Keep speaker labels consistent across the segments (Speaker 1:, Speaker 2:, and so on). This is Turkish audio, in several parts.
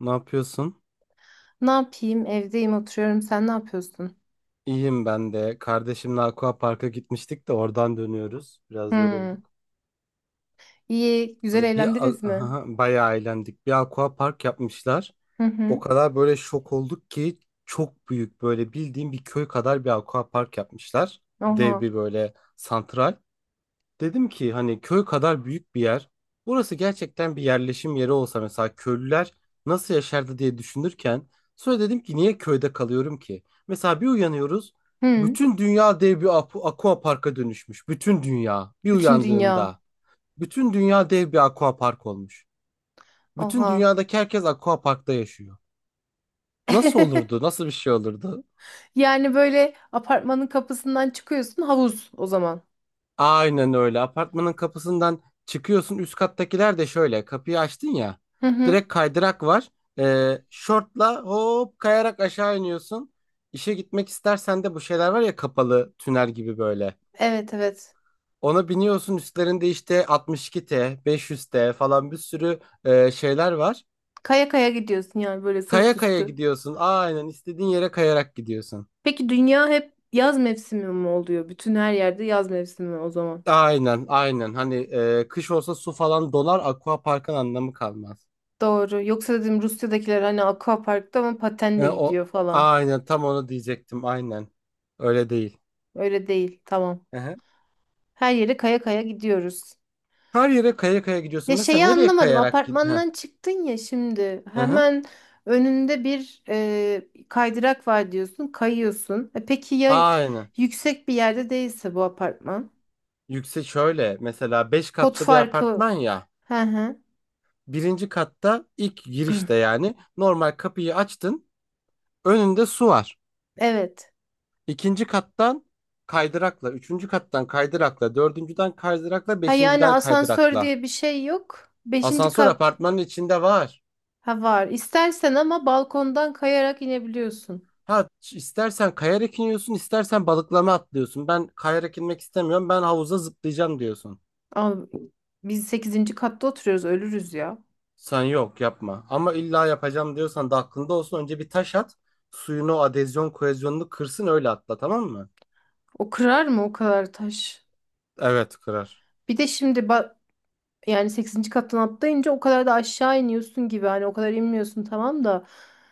Speaker 1: Ne yapıyorsun?
Speaker 2: Ne yapayım? Evdeyim, oturuyorum. Sen ne yapıyorsun?
Speaker 1: İyiyim ben de. Kardeşimle Aqua Park'a gitmiştik de oradan dönüyoruz. Biraz
Speaker 2: Hı.
Speaker 1: yorulduk.
Speaker 2: İyi, güzel eğlendiniz mi?
Speaker 1: Aha, bayağı eğlendik. Bir Aqua Park yapmışlar.
Speaker 2: Hı
Speaker 1: O
Speaker 2: hı.
Speaker 1: kadar böyle şok olduk ki çok büyük böyle bildiğim bir köy kadar bir Aqua Park yapmışlar. Dev
Speaker 2: Oha.
Speaker 1: bir böyle santral. Dedim ki hani köy kadar büyük bir yer. Burası gerçekten bir yerleşim yeri olsa mesela köylüler nasıl yaşardı diye düşünürken sonra dedim ki niye köyde kalıyorum ki? Mesela bir uyanıyoruz,
Speaker 2: Hı.
Speaker 1: bütün dünya dev bir aqua parka dönüşmüş. Bütün dünya bir
Speaker 2: Bütün dünya.
Speaker 1: uyandığında bütün dünya dev bir aqua park olmuş. Bütün
Speaker 2: Oha.
Speaker 1: dünyadaki herkes aqua parkta yaşıyor. Nasıl olurdu? Nasıl bir şey olurdu?
Speaker 2: Yani böyle apartmanın kapısından çıkıyorsun havuz o zaman.
Speaker 1: Aynen öyle. Apartmanın kapısından çıkıyorsun. Üst kattakiler de şöyle. Kapıyı açtın ya.
Speaker 2: Hı hı.
Speaker 1: Direkt kaydırak var. Şortla hop kayarak aşağı iniyorsun. İşe gitmek istersen de bu şeyler var ya, kapalı tünel gibi böyle.
Speaker 2: Evet evet.
Speaker 1: Ona biniyorsun, üstlerinde işte 62T, 500T falan bir sürü şeyler var.
Speaker 2: Kaya kaya gidiyorsun yani böyle sırt
Speaker 1: Kaya kaya
Speaker 2: üstü.
Speaker 1: gidiyorsun. Aynen, istediğin yere kayarak gidiyorsun.
Speaker 2: Peki dünya hep yaz mevsimi mi oluyor? Bütün her yerde yaz mevsimi o zaman.
Speaker 1: Aynen aynen. Hani kış olsa su falan donar. Aqua parkın anlamı kalmaz.
Speaker 2: Doğru. Yoksa dedim Rusya'dakiler hani aquaparkta ama patenle
Speaker 1: O
Speaker 2: gidiyor falan.
Speaker 1: aynen, tam onu diyecektim, aynen. Öyle değil.
Speaker 2: Öyle değil. Tamam.
Speaker 1: Hı-hı.
Speaker 2: Her yere kaya kaya gidiyoruz.
Speaker 1: Her yere kaya kaya
Speaker 2: Ya
Speaker 1: gidiyorsun. Mesela
Speaker 2: şeyi
Speaker 1: nereye
Speaker 2: anlamadım.
Speaker 1: kayarak gid? Hı.
Speaker 2: Apartmandan çıktın ya şimdi.
Speaker 1: Hı-hı.
Speaker 2: Hemen önünde bir kaydırak var diyorsun. Kayıyorsun. E peki ya
Speaker 1: Aynen.
Speaker 2: yüksek bir yerde değilse bu apartman?
Speaker 1: Yüksek şöyle mesela 5
Speaker 2: Pot
Speaker 1: katlı bir
Speaker 2: farkı.
Speaker 1: apartman ya.
Speaker 2: Hı hı.
Speaker 1: Birinci katta ilk girişte, yani normal kapıyı açtın. Önünde su var.
Speaker 2: Evet.
Speaker 1: İkinci kattan kaydırakla, üçüncü kattan kaydırakla, dördüncüden kaydırakla,
Speaker 2: Ha yani
Speaker 1: beşinciden
Speaker 2: asansör
Speaker 1: kaydırakla.
Speaker 2: diye bir şey yok. Beşinci
Speaker 1: Asansör
Speaker 2: kat.
Speaker 1: apartmanın içinde var.
Speaker 2: Ha var. İstersen ama balkondan kayarak inebiliyorsun.
Speaker 1: Ha, istersen kayarak iniyorsun, istersen balıklama atlıyorsun. Ben kayarak inmek istemiyorum. Ben havuza zıplayacağım diyorsun.
Speaker 2: Abi, biz sekizinci katta oturuyoruz. Ölürüz ya.
Speaker 1: Sen yok yapma. Ama illa yapacağım diyorsan da aklında olsun. Önce bir taş at. Suyun o adezyon kohezyonunu kırsın, öyle atla, tamam mı?
Speaker 2: O kırar mı o kadar taş?
Speaker 1: Evet, kırar.
Speaker 2: Bir de şimdi ba- Yani sekizinci kattan atlayınca o kadar da aşağı iniyorsun gibi hani o kadar inmiyorsun tamam da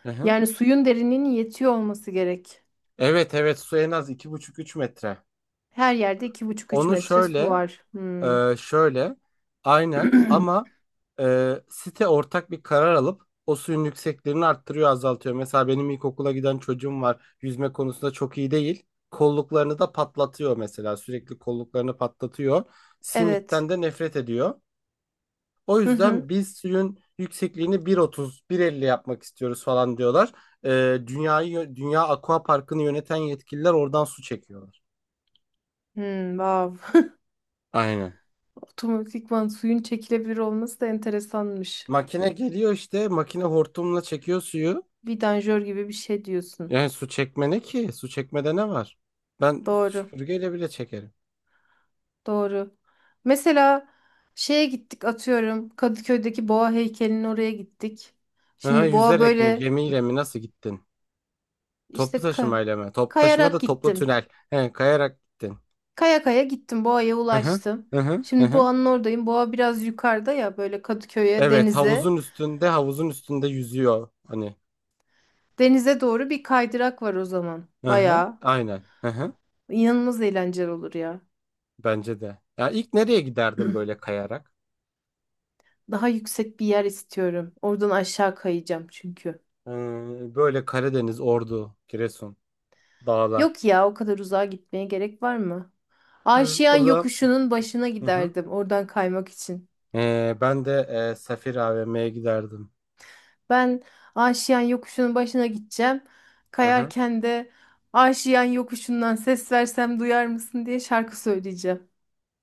Speaker 1: Hı hı.
Speaker 2: yani suyun derinliğinin yetiyor olması gerek.
Speaker 1: Evet evet, su en az iki buçuk üç metre.
Speaker 2: Her yerde iki buçuk üç
Speaker 1: Onu
Speaker 2: metre su
Speaker 1: şöyle.
Speaker 2: var. Hmm.
Speaker 1: Şöyle, aynen ama site ortak bir karar alıp o suyun yükseklerini arttırıyor, azaltıyor. Mesela benim ilkokula giden çocuğum var. Yüzme konusunda çok iyi değil. Kolluklarını da patlatıyor mesela. Sürekli kolluklarını patlatıyor.
Speaker 2: Evet.
Speaker 1: Simitten de nefret ediyor. O
Speaker 2: Hı hı.
Speaker 1: yüzden biz suyun yüksekliğini 1.30, 1.50 yapmak istiyoruz falan diyorlar. Dünyayı, Dünya Aqua Parkı'nı yöneten yetkililer oradan su çekiyorlar.
Speaker 2: Hmm, wow.
Speaker 1: Aynen.
Speaker 2: Otomatikman suyun çekilebilir olması da enteresanmış.
Speaker 1: Makine geliyor işte, makine hortumla çekiyor suyu.
Speaker 2: Vidanjör gibi bir şey diyorsun.
Speaker 1: Yani su çekme ne ki? Su çekmede ne var? Ben
Speaker 2: Doğru.
Speaker 1: süpürgeyle bile çekerim.
Speaker 2: Doğru. Mesela şeye gittik atıyorum Kadıköy'deki boğa heykelinin oraya gittik.
Speaker 1: Aha,
Speaker 2: Şimdi boğa
Speaker 1: yüzerek mi,
Speaker 2: böyle
Speaker 1: gemiyle mi, nasıl gittin?
Speaker 2: İşte
Speaker 1: Toplu
Speaker 2: ka-
Speaker 1: taşımayla mı? Toplu taşıma
Speaker 2: kayarak
Speaker 1: da toplu
Speaker 2: gittim.
Speaker 1: tünel. He, kayarak gittin.
Speaker 2: Kaya kaya gittim. Boğa'ya
Speaker 1: Hı hı.
Speaker 2: ulaştım.
Speaker 1: Hı hı. Hı
Speaker 2: Şimdi
Speaker 1: hı.
Speaker 2: Boğa'nın oradayım. Boğa biraz yukarıda ya böyle Kadıköy'e,
Speaker 1: Evet,
Speaker 2: denize.
Speaker 1: havuzun üstünde, havuzun üstünde yüzüyor hani.
Speaker 2: Denize doğru bir kaydırak var o zaman.
Speaker 1: Hı hı.
Speaker 2: Bayağı
Speaker 1: Aynen. Hı hı.
Speaker 2: inanılmaz eğlenceli olur ya.
Speaker 1: Bence de. Ya, ilk nereye giderdim böyle kayarak?
Speaker 2: Daha yüksek bir yer istiyorum. Oradan aşağı kayacağım çünkü.
Speaker 1: Ee, Böyle Karadeniz, Ordu, Giresun, dağlar.
Speaker 2: Yok ya o kadar uzağa gitmeye gerek var mı?
Speaker 1: Hı.
Speaker 2: Aşiyan
Speaker 1: O zaman.
Speaker 2: yokuşunun başına
Speaker 1: Hı hı.
Speaker 2: giderdim oradan kaymak için.
Speaker 1: Ben de Safir AVM'ye giderdim.
Speaker 2: Ben Aşiyan yokuşunun başına gideceğim.
Speaker 1: Hı hı.
Speaker 2: Kayarken de Aşiyan yokuşundan ses versem duyar mısın diye şarkı söyleyeceğim.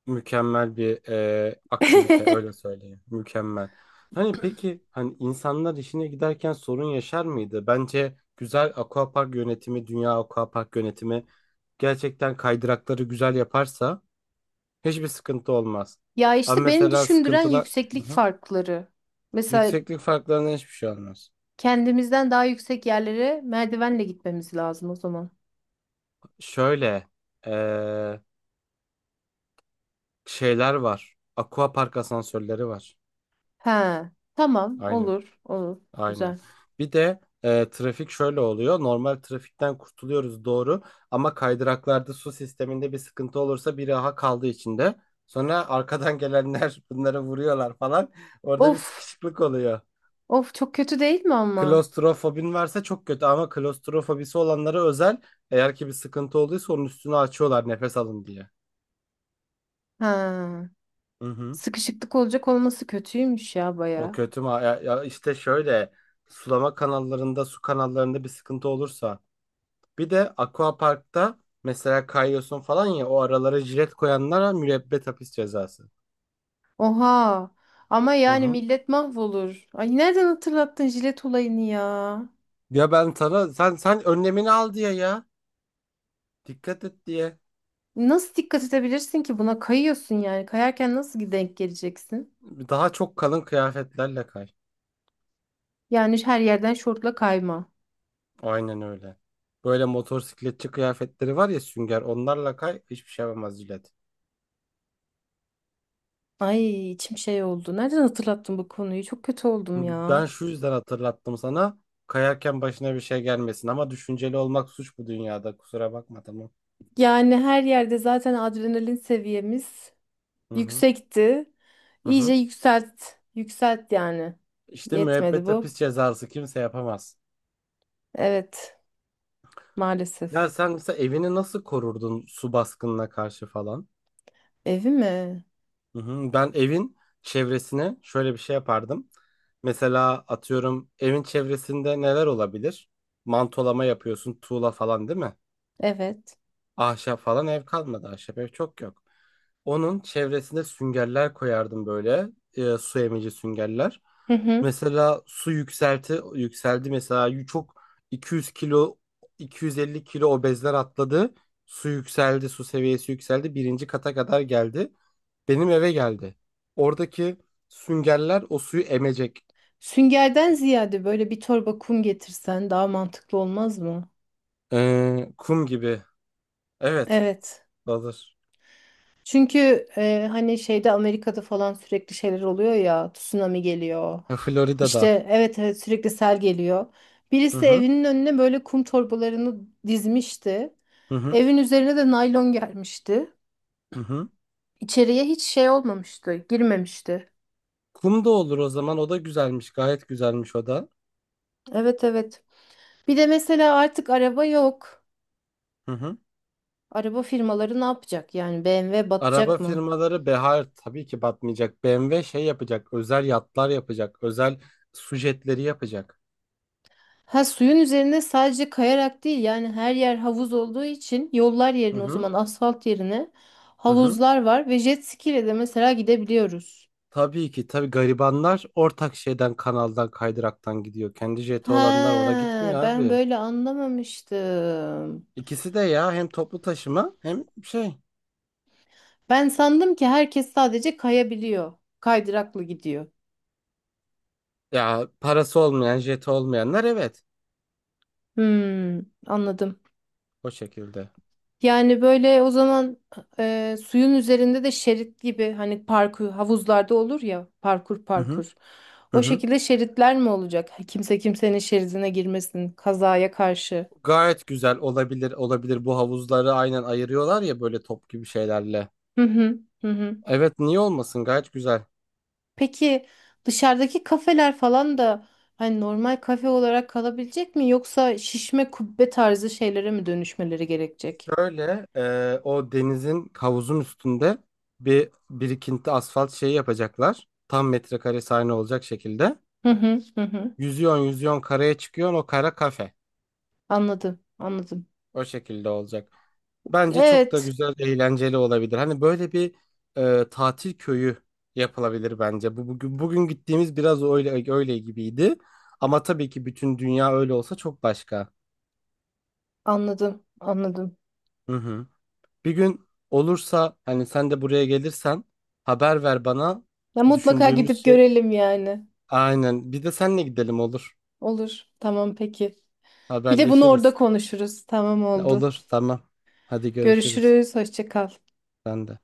Speaker 1: Mükemmel bir aktivite, öyle söyleyeyim. Mükemmel. Hani, peki, hani insanlar işine giderken sorun yaşar mıydı? Bence güzel aquapark yönetimi, dünya aquapark yönetimi gerçekten kaydırakları güzel yaparsa hiçbir sıkıntı olmaz.
Speaker 2: Ya
Speaker 1: Ama
Speaker 2: işte beni
Speaker 1: mesela
Speaker 2: düşündüren
Speaker 1: sıkıntılar, hı
Speaker 2: yükseklik
Speaker 1: hı,
Speaker 2: farkları. Mesela
Speaker 1: yükseklik farklarına hiçbir şey olmaz.
Speaker 2: kendimizden daha yüksek yerlere merdivenle gitmemiz lazım o zaman.
Speaker 1: Şöyle e, şeyler var. Aquapark asansörleri var.
Speaker 2: He, tamam
Speaker 1: Aynen.
Speaker 2: olur olur
Speaker 1: Aynen.
Speaker 2: güzel.
Speaker 1: Bir de trafik şöyle oluyor. Normal trafikten kurtuluyoruz, doğru, ama kaydıraklarda su sisteminde bir sıkıntı olursa biri aha kaldı içinde. Sonra arkadan gelenler bunları vuruyorlar falan. Orada bir
Speaker 2: Of
Speaker 1: sıkışıklık oluyor.
Speaker 2: of çok kötü değil mi ama?
Speaker 1: Klostrofobin varsa çok kötü, ama klostrofobisi olanlara özel, eğer ki bir sıkıntı olduysa onun üstünü açıyorlar, nefes alın diye.
Speaker 2: Ha,
Speaker 1: Hı hı.
Speaker 2: sıkışıklık olacak olması kötüymüş ya
Speaker 1: O
Speaker 2: baya.
Speaker 1: kötü mü? Ya, ya işte şöyle, sulama kanallarında, su kanallarında bir sıkıntı olursa. Bir de Aquapark'ta mesela kayıyorsun falan ya, o aralara jilet koyanlara müebbet hapis cezası.
Speaker 2: Oha. Ama
Speaker 1: Hı
Speaker 2: yani
Speaker 1: hı.
Speaker 2: millet mahvolur. Ay nereden hatırlattın jilet olayını ya?
Speaker 1: Ya ben sana sen önlemini al diye ya. Dikkat et diye.
Speaker 2: Nasıl dikkat edebilirsin ki buna kayıyorsun yani? Kayarken nasıl denk geleceksin?
Speaker 1: Daha çok kalın kıyafetlerle kay.
Speaker 2: Yani her yerden şortla kayma.
Speaker 1: Aynen öyle. Böyle motosikletçi kıyafetleri var ya sünger, onlarla kay, hiçbir şey yapamaz jilet.
Speaker 2: Ay içim şey oldu. Nereden hatırlattın bu konuyu? Çok kötü oldum ya.
Speaker 1: Ben şu yüzden hatırlattım sana. Kayarken başına bir şey gelmesin ama, düşünceli olmak suç bu dünyada, kusura bakma, tamam.
Speaker 2: Yani her yerde zaten adrenalin seviyemiz
Speaker 1: Hı hı.
Speaker 2: yüksekti.
Speaker 1: Hı
Speaker 2: İyice
Speaker 1: hı.
Speaker 2: yükselt. Yükselt yani.
Speaker 1: İşte
Speaker 2: Yetmedi
Speaker 1: müebbet hapis
Speaker 2: bu.
Speaker 1: cezası, kimse yapamaz.
Speaker 2: Evet,
Speaker 1: Ya
Speaker 2: maalesef.
Speaker 1: sen mesela evini nasıl korurdun su baskınına karşı falan?
Speaker 2: Evi mi?
Speaker 1: Hı hı. Ben evin çevresine şöyle bir şey yapardım. Mesela atıyorum, evin çevresinde neler olabilir? Mantolama yapıyorsun, tuğla falan, değil mi?
Speaker 2: Evet.
Speaker 1: Ahşap falan ev kalmadı. Ahşap ev çok yok. Onun çevresine süngerler koyardım böyle. Su emici süngerler.
Speaker 2: Hı hı.
Speaker 1: Mesela su yükselti yükseldi, mesela çok 200 kilo, 250 kilo obezler atladı. Su yükseldi, su seviyesi yükseldi. Birinci kata kadar geldi. Benim eve geldi. Oradaki süngerler o suyu emecek.
Speaker 2: Süngerden ziyade böyle bir torba kum getirsen daha mantıklı olmaz mı?
Speaker 1: Kum gibi. Evet,
Speaker 2: Evet.
Speaker 1: hazır.
Speaker 2: Çünkü hani şeyde Amerika'da falan sürekli şeyler oluyor ya, tsunami geliyor.
Speaker 1: Florida'da.
Speaker 2: İşte evet evet sürekli sel geliyor.
Speaker 1: Hı
Speaker 2: Birisi
Speaker 1: hı.
Speaker 2: evinin önüne böyle kum torbalarını dizmişti.
Speaker 1: Hı hı.
Speaker 2: Evin üzerine de naylon gelmişti.
Speaker 1: Hı hı.
Speaker 2: İçeriye hiç şey olmamıştı, girmemişti.
Speaker 1: Kum da olur o zaman. O da güzelmiş. Gayet güzelmiş o da.
Speaker 2: Evet evet. Bir de mesela artık araba yok.
Speaker 1: Hı hı.
Speaker 2: Araba firmaları ne yapacak? Yani BMW
Speaker 1: Araba
Speaker 2: batacak mı?
Speaker 1: firmaları, Behar, tabii ki batmayacak. BMW şey yapacak. Özel yatlar yapacak. Özel su jetleri yapacak.
Speaker 2: Ha suyun üzerinde sadece kayarak değil yani her yer havuz olduğu için yollar
Speaker 1: Hı
Speaker 2: yerine o
Speaker 1: hı.
Speaker 2: zaman asfalt yerine
Speaker 1: Hı hı.
Speaker 2: havuzlar var ve jet ski ile de mesela gidebiliyoruz.
Speaker 1: Tabii ki tabii, garibanlar ortak şeyden, kanaldan, kaydıraktan gidiyor. Kendi jeti olanlar
Speaker 2: Ha
Speaker 1: ona gitmiyor
Speaker 2: ben
Speaker 1: abi.
Speaker 2: böyle anlamamıştım.
Speaker 1: İkisi de ya, hem toplu taşıma hem şey.
Speaker 2: Ben sandım ki herkes sadece kayabiliyor. Kaydıraklı gidiyor.
Speaker 1: Ya parası olmayan, jeti olmayanlar evet.
Speaker 2: Hmm, anladım.
Speaker 1: O şekilde.
Speaker 2: Yani böyle o zaman suyun üzerinde de şerit gibi hani parkur havuzlarda olur ya parkur
Speaker 1: Hı hı.
Speaker 2: parkur.
Speaker 1: Hı
Speaker 2: O
Speaker 1: hı.
Speaker 2: şekilde şeritler mi olacak? Kimse kimsenin şeridine girmesin kazaya karşı.
Speaker 1: Gayet güzel olabilir, olabilir, bu havuzları aynen ayırıyorlar ya böyle top gibi şeylerle.
Speaker 2: Hı hı hı hı.
Speaker 1: Evet, niye olmasın, gayet güzel.
Speaker 2: Peki dışarıdaki kafeler falan da hani normal kafe olarak kalabilecek mi yoksa şişme kubbe tarzı şeylere mi dönüşmeleri gerekecek?
Speaker 1: Şöyle o denizin, havuzun üstünde bir birikinti asfalt şeyi yapacaklar. Tam metrekare sahne olacak şekilde.
Speaker 2: Hı hı hı hı.
Speaker 1: Yüzüyorsun yüzüyorsun, karaya çıkıyorsun, o kara kafe.
Speaker 2: Anladım, anladım.
Speaker 1: O şekilde olacak. Bence çok da
Speaker 2: Evet,
Speaker 1: güzel, eğlenceli olabilir. Hani böyle bir tatil köyü yapılabilir bence. Bu bugün gittiğimiz biraz öyle öyle gibiydi. Ama tabii ki bütün dünya öyle olsa çok başka.
Speaker 2: anladım, anladım.
Speaker 1: Hı hı. Bir gün olursa, hani sen de buraya gelirsen, haber ver bana.
Speaker 2: Ya mutlaka
Speaker 1: Düşündüğümüz
Speaker 2: gidip
Speaker 1: şey
Speaker 2: görelim yani.
Speaker 1: aynen. Bir de senle gidelim, olur.
Speaker 2: Olur. Tamam peki. Bir de bunu orada
Speaker 1: Haberleşiriz.
Speaker 2: konuşuruz. Tamam oldu.
Speaker 1: Olur, tamam. Hadi görüşürüz.
Speaker 2: Görüşürüz. Hoşça kal.
Speaker 1: Ben de.